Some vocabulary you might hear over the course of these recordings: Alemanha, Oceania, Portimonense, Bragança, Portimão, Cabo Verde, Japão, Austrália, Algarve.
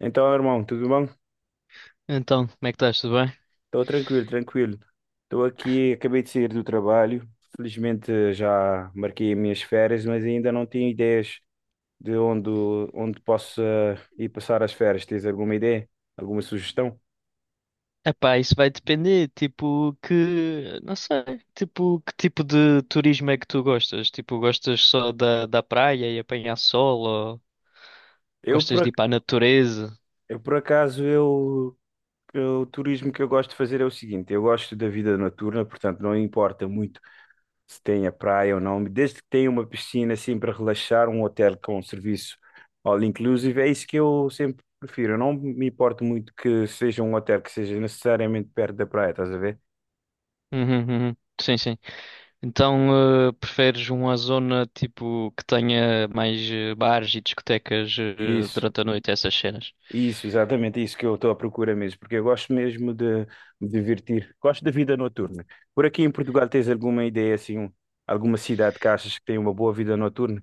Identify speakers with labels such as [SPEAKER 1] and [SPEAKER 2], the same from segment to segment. [SPEAKER 1] Então, irmão, tudo bom?
[SPEAKER 2] Então, como é que estás? Tudo bem?
[SPEAKER 1] Estou tranquilo, tranquilo. Estou aqui, acabei de sair do trabalho. Felizmente já marquei as minhas férias, mas ainda não tenho ideias de onde, onde posso ir passar as férias. Tens alguma ideia? Alguma sugestão?
[SPEAKER 2] Epá, isso vai depender, tipo, não sei, tipo, que tipo de turismo é que tu gostas? Tipo, gostas só da praia e apanhar sol ou
[SPEAKER 1] Eu por,
[SPEAKER 2] gostas de
[SPEAKER 1] ac-
[SPEAKER 2] ir para a natureza?
[SPEAKER 1] eu, por acaso, eu que o turismo que eu gosto de fazer é o seguinte: eu gosto da vida noturna, portanto, não importa muito se tem a praia ou não, desde que tenha uma piscina assim para relaxar, um hotel com um serviço all inclusive, é isso que eu sempre prefiro. Eu não me importo muito que seja um hotel que seja necessariamente perto da praia, estás a ver?
[SPEAKER 2] Uhum, uhum. Sim, sim. Então, preferes uma zona, tipo, que tenha mais bares e discotecas,
[SPEAKER 1] Isso,
[SPEAKER 2] durante a noite, essas cenas?
[SPEAKER 1] isso, exatamente isso que eu estou à procura mesmo, porque eu gosto mesmo de me divertir, gosto da vida noturna. Por aqui em Portugal tens alguma ideia assim, alguma cidade que achas que tem uma boa vida noturna?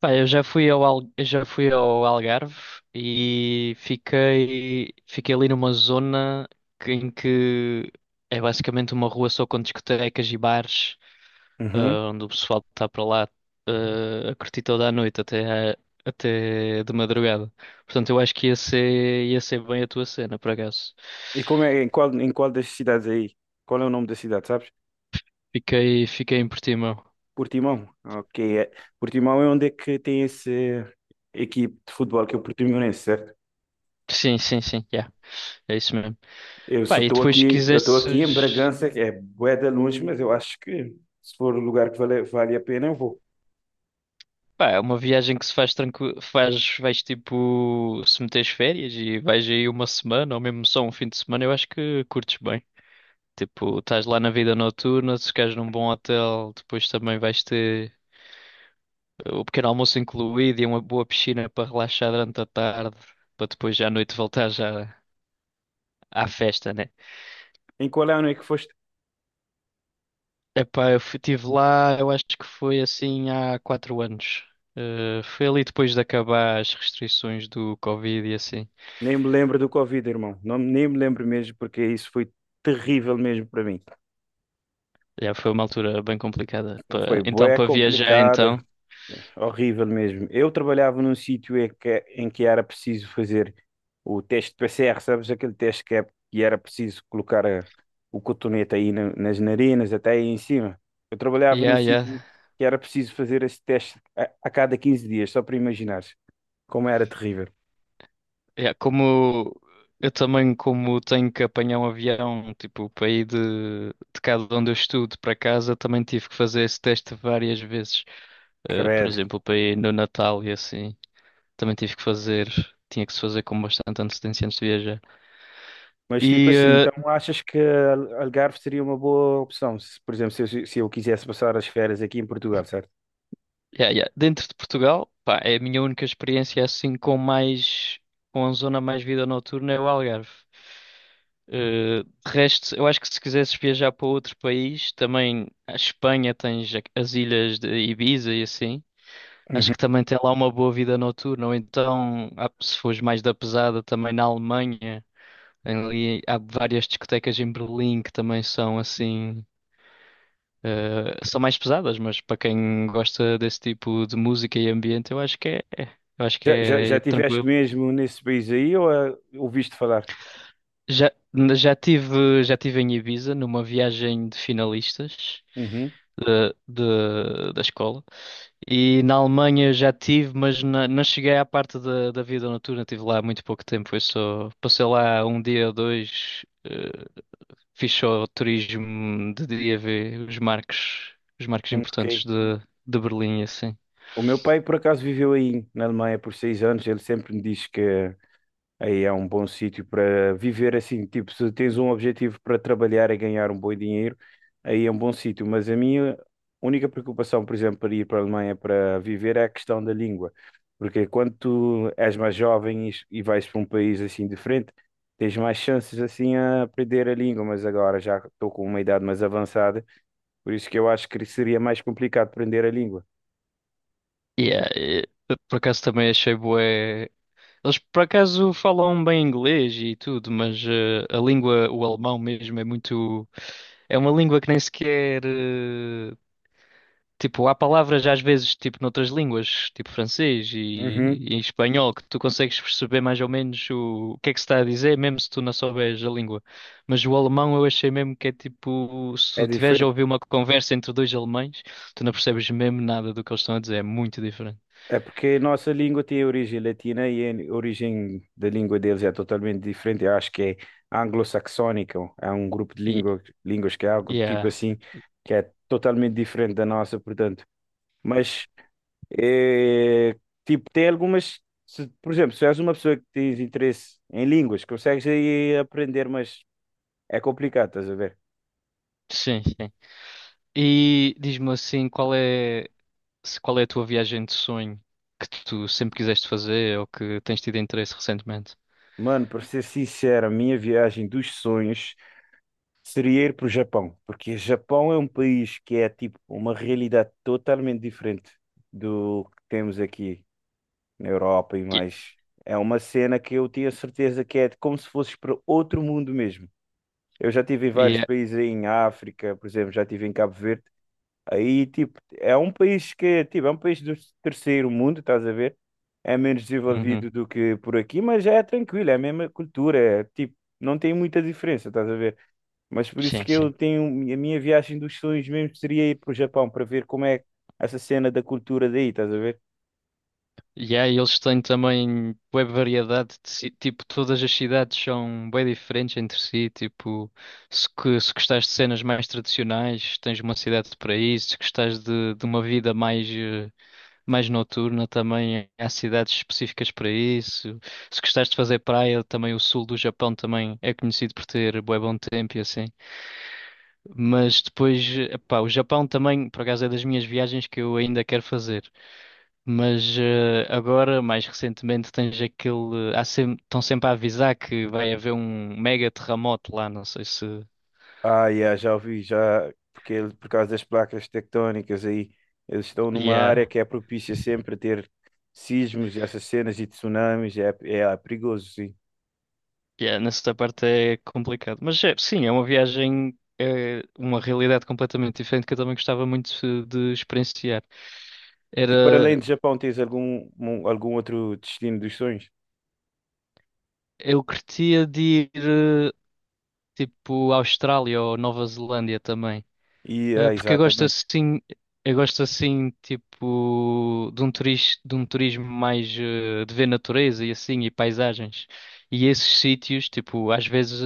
[SPEAKER 2] Pá, eu já fui ao Algarve e fiquei ali numa zona em que é basicamente uma rua só com discotecas e bares,
[SPEAKER 1] Uhum.
[SPEAKER 2] onde o pessoal está para lá, a curtir toda a noite até de madrugada. Portanto, eu acho que ia ser bem a tua cena, por acaso.
[SPEAKER 1] E como é, em qual das cidades aí? Qual é o nome da cidade, sabes?
[SPEAKER 2] Fiquei em Portimão.
[SPEAKER 1] Portimão. Ok. Portimão é onde é que tem essa equipe de futebol que é o Portimonense, certo?
[SPEAKER 2] Sim, sim, sim, yeah, é isso mesmo.
[SPEAKER 1] Eu só
[SPEAKER 2] Pá, e
[SPEAKER 1] estou
[SPEAKER 2] depois se
[SPEAKER 1] aqui, eu estou aqui em
[SPEAKER 2] quisesses.
[SPEAKER 1] Bragança, que é bué de longe, mas eu acho que se for o lugar que vale a pena, eu vou.
[SPEAKER 2] Pá, é uma viagem que se faz tranquilo, faz, vais tipo, se meteres férias e vais aí uma semana ou mesmo só um fim de semana, eu acho que curtes bem. Tipo, estás lá na vida noturna, se ficares num bom hotel, depois também vais ter o pequeno almoço incluído e uma boa piscina para relaxar durante a tarde, para depois já à noite voltar já à festa, né?
[SPEAKER 1] Em qual ano é que foste?
[SPEAKER 2] Epá, eu estive lá, eu acho que foi assim há quatro anos. Foi ali depois de acabar as restrições do Covid e assim.
[SPEAKER 1] Nem me lembro do Covid, irmão. Não, nem me lembro mesmo, porque isso foi terrível mesmo para mim.
[SPEAKER 2] Já foi uma altura bem complicada.
[SPEAKER 1] Foi
[SPEAKER 2] Então,
[SPEAKER 1] bué
[SPEAKER 2] para viajar,
[SPEAKER 1] complicado.
[SPEAKER 2] então.
[SPEAKER 1] Horrível mesmo. Eu trabalhava num sítio em que era preciso fazer o teste de PCR, sabes? Aquele teste que, é, que era preciso o cotonete nas narinas, até aí em cima. Eu trabalhava num
[SPEAKER 2] Yeah, yeah,
[SPEAKER 1] sítio que era preciso fazer esse teste a cada 15 dias, só para imaginares como era terrível.
[SPEAKER 2] yeah. Como Eu também, como tenho que apanhar um avião, tipo, para ir de cá de onde eu estudo para casa, também tive que fazer esse teste várias vezes. Por
[SPEAKER 1] Credo.
[SPEAKER 2] exemplo, para ir no Natal e assim, também tinha que se fazer com bastante antecedência antes de viajar.
[SPEAKER 1] Mas tipo
[SPEAKER 2] e
[SPEAKER 1] assim, então
[SPEAKER 2] eh,
[SPEAKER 1] achas que Algarve seria uma boa opção? Se, por exemplo, se eu quisesse passar as férias aqui em Portugal, certo?
[SPEAKER 2] Yeah, yeah. Dentro de Portugal, pá, é a minha única experiência assim com mais, com a zona mais vida noturna é o Algarve. De resto, eu acho que se quisesses viajar para outro país, também a Espanha as ilhas de Ibiza e assim. Acho que também tem lá uma boa vida noturna. Ou então, se fores mais da pesada, também na Alemanha, ali há várias discotecas em Berlim que também são assim. São mais pesadas, mas para quem gosta desse tipo de música e ambiente, eu acho que
[SPEAKER 1] Já, já,
[SPEAKER 2] é
[SPEAKER 1] já
[SPEAKER 2] é
[SPEAKER 1] tiveste
[SPEAKER 2] tranquilo.
[SPEAKER 1] mesmo nesse país aí ou ah, ouviste falar?
[SPEAKER 2] Já, já tive em Ibiza numa viagem de finalistas
[SPEAKER 1] Uhum.
[SPEAKER 2] da escola e na Alemanha já tive, mas não cheguei à parte da vida noturna, tive lá muito pouco tempo, foi só passei lá um dia ou dois, fiz só turismo de dia ver os marcos importantes
[SPEAKER 1] Ok.
[SPEAKER 2] de Berlim e assim.
[SPEAKER 1] O meu pai, por acaso, viveu aí na Alemanha por 6 anos. Ele sempre me diz que aí é um bom sítio para viver assim, tipo, se tens um objetivo para trabalhar e ganhar um bom dinheiro, aí é um bom sítio. Mas a minha única preocupação, por exemplo, para ir para a Alemanha para viver é a questão da língua. Porque quando tu és mais jovem e vais para um país assim diferente, tens mais chances assim a aprender a língua. Mas agora já estou com uma idade mais avançada, por isso que eu acho que seria mais complicado aprender a língua.
[SPEAKER 2] Yeah, por acaso também achei bué. Eles por acaso falam bem inglês e tudo, mas a língua, o alemão mesmo, é muito. É uma língua que nem sequer. Tipo, há palavras às vezes, tipo, noutras línguas, tipo
[SPEAKER 1] Uhum.
[SPEAKER 2] e em espanhol, que tu consegues perceber mais ou menos o que é que se está a dizer, mesmo se tu não souberes a língua. Mas o alemão eu achei mesmo que é tipo, se
[SPEAKER 1] É
[SPEAKER 2] tu tiveres a
[SPEAKER 1] diferente.
[SPEAKER 2] ouvir uma conversa entre dois alemães, tu não percebes mesmo nada do que eles estão a dizer, é muito diferente.
[SPEAKER 1] É porque a nossa língua tem origem latina e a origem da língua deles é totalmente diferente. Eu acho que é anglo-saxónica, é um grupo de
[SPEAKER 2] E
[SPEAKER 1] línguas que é algo tipo
[SPEAKER 2] Yeah.
[SPEAKER 1] assim, que é totalmente diferente da nossa, portanto. Mas, eh, tipo, tem algumas. Por exemplo, se és uma pessoa que tens interesse em línguas, consegues aí aprender, mas é complicado, estás a ver?
[SPEAKER 2] Sim, sim. E diz-me assim, qual é, se- qual é a tua viagem de sonho que tu sempre quiseste fazer ou que tens tido interesse recentemente?
[SPEAKER 1] Mano, para ser sincero, a minha viagem dos sonhos seria ir para o Japão, porque o Japão é um país que é tipo uma realidade totalmente diferente do que temos aqui na Europa e
[SPEAKER 2] Yeah.
[SPEAKER 1] mais. É uma cena que eu tinha certeza que é como se fosses para outro mundo mesmo. Eu já tive em vários
[SPEAKER 2] Yeah.
[SPEAKER 1] países aí em África, por exemplo, já tive em Cabo Verde. Aí tipo é um país que tipo é um país do terceiro mundo, estás a ver? É menos
[SPEAKER 2] Uhum.
[SPEAKER 1] desenvolvido do que por aqui, mas é tranquilo, é a mesma cultura, é, tipo não tem muita diferença, estás a ver? Mas por isso
[SPEAKER 2] Sim,
[SPEAKER 1] que eu
[SPEAKER 2] sim.
[SPEAKER 1] tenho a minha viagem dos sonhos mesmo seria ir para o Japão para ver como é essa cena da cultura daí, estás a ver?
[SPEAKER 2] Yeah, e eles têm também bué variedade tipo, todas as cidades são bem diferentes entre si, tipo, se gostares de cenas mais tradicionais, tens uma cidade para isso, se gostares de uma vida mais mais noturna também. Há cidades específicas para isso. Se gostares de fazer praia, também o sul do Japão também é conhecido por ter bué bom tempo e assim. Mas depois, epá, o Japão também, por acaso, é das minhas viagens que eu ainda quero fazer. Mas agora, mais recentemente, tens aquele. Há sempre, estão sempre a avisar que vai haver um mega terremoto lá, não sei se.
[SPEAKER 1] Ah, yeah, já ouvi, já, porque por causa das placas tectónicas aí, eles estão numa área
[SPEAKER 2] Yeah.
[SPEAKER 1] que é propícia sempre a ter sismos e essas cenas e tsunamis, é perigoso, sim.
[SPEAKER 2] Yeah, nesta parte é complicado. Mas é, sim, é uma viagem, é uma realidade completamente diferente que eu também gostava muito de experienciar.
[SPEAKER 1] E para além
[SPEAKER 2] Era,
[SPEAKER 1] do Japão, tens algum outro destino dos sonhos?
[SPEAKER 2] eu curtia de ir tipo à Austrália ou Nova Zelândia também.
[SPEAKER 1] E, ah,
[SPEAKER 2] Porque
[SPEAKER 1] exatamente.
[SPEAKER 2] eu gosto assim tipo de um turismo mais de ver natureza e assim e paisagens. E esses sítios, tipo, às vezes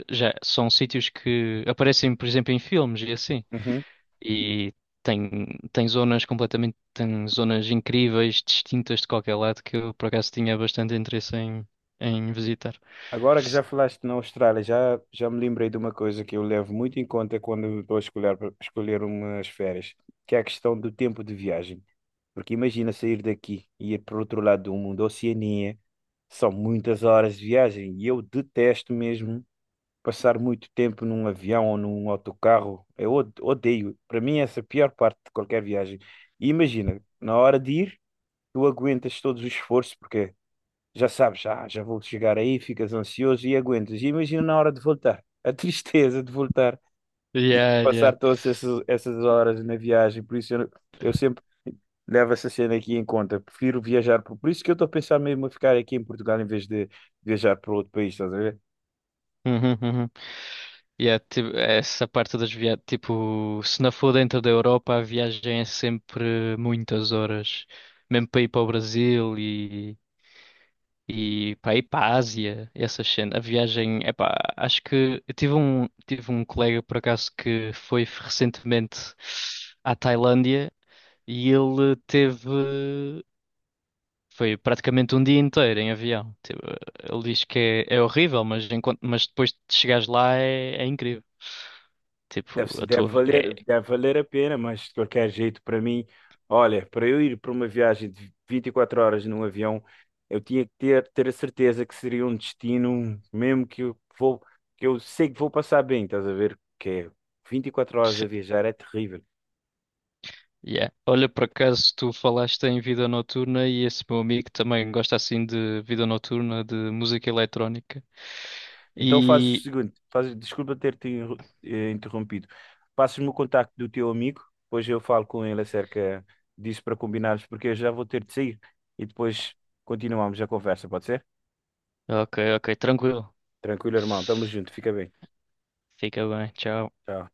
[SPEAKER 2] já são sítios que aparecem, por exemplo, em filmes e assim. E tem, tem zonas incríveis, distintas de qualquer lado, que eu por acaso tinha bastante interesse em visitar.
[SPEAKER 1] Agora que já falaste na Austrália, já me lembrei de uma coisa que eu levo muito em conta quando estou a escolher umas férias, que é a questão do tempo de viagem. Porque imagina sair daqui e ir para o outro lado do mundo, Oceania, são muitas horas de viagem e eu detesto mesmo passar muito tempo num avião ou num autocarro. Eu odeio. Para mim, essa é a pior parte de qualquer viagem. E imagina, na hora de ir, tu aguentas todos os esforços, porque já sabes, ah, já vou chegar aí, ficas ansioso e aguentas. E imagina na hora de voltar, a tristeza de voltar e
[SPEAKER 2] Yeah, yeah.
[SPEAKER 1] passar todas essas horas na viagem. Por isso eu sempre levo essa cena aqui em conta. Prefiro viajar, por isso que eu estou a pensar mesmo a ficar aqui em Portugal em vez de viajar para outro país, estás a ver?
[SPEAKER 2] Uhum, uhum. Yeah, tipo, essa parte das viagens, tipo, se não for dentro da Europa, a viagem é sempre muitas horas, mesmo para ir para o Brasil e. E para ir para a Ásia, essas cena, a viagem, epá, acho que tive um colega por acaso que foi recentemente à Tailândia e ele teve. Foi praticamente um dia inteiro em avião. Tipo, ele diz que é horrível, mas, enquanto, mas depois de chegares lá é incrível. Tipo,
[SPEAKER 1] Deve,
[SPEAKER 2] a
[SPEAKER 1] deve
[SPEAKER 2] tua. Vi- É,
[SPEAKER 1] valer, deve valer a pena, mas de qualquer jeito, para mim, olha, para eu ir para uma viagem de 24 horas num avião, eu tinha que ter a certeza que seria um destino, mesmo que eu vou, que eu sei que vou passar bem, estás a ver? Que é 24 horas a viajar é terrível.
[SPEAKER 2] yeah. Olha, por acaso tu falaste em vida noturna e esse meu amigo também gosta assim de vida noturna, de música eletrónica.
[SPEAKER 1] Então fazes o
[SPEAKER 2] E.
[SPEAKER 1] seguinte, fazes, desculpa ter-te interrompido. Passas-me o contacto do teu amigo, depois eu falo com ele acerca disso para combinarmos, porque eu já vou ter de sair e depois continuamos a conversa, pode ser?
[SPEAKER 2] Ok, ok, tranquilo.
[SPEAKER 1] Tranquilo, irmão. Tamo junto. Fica bem.
[SPEAKER 2] Fica bem, tchau.
[SPEAKER 1] Tchau.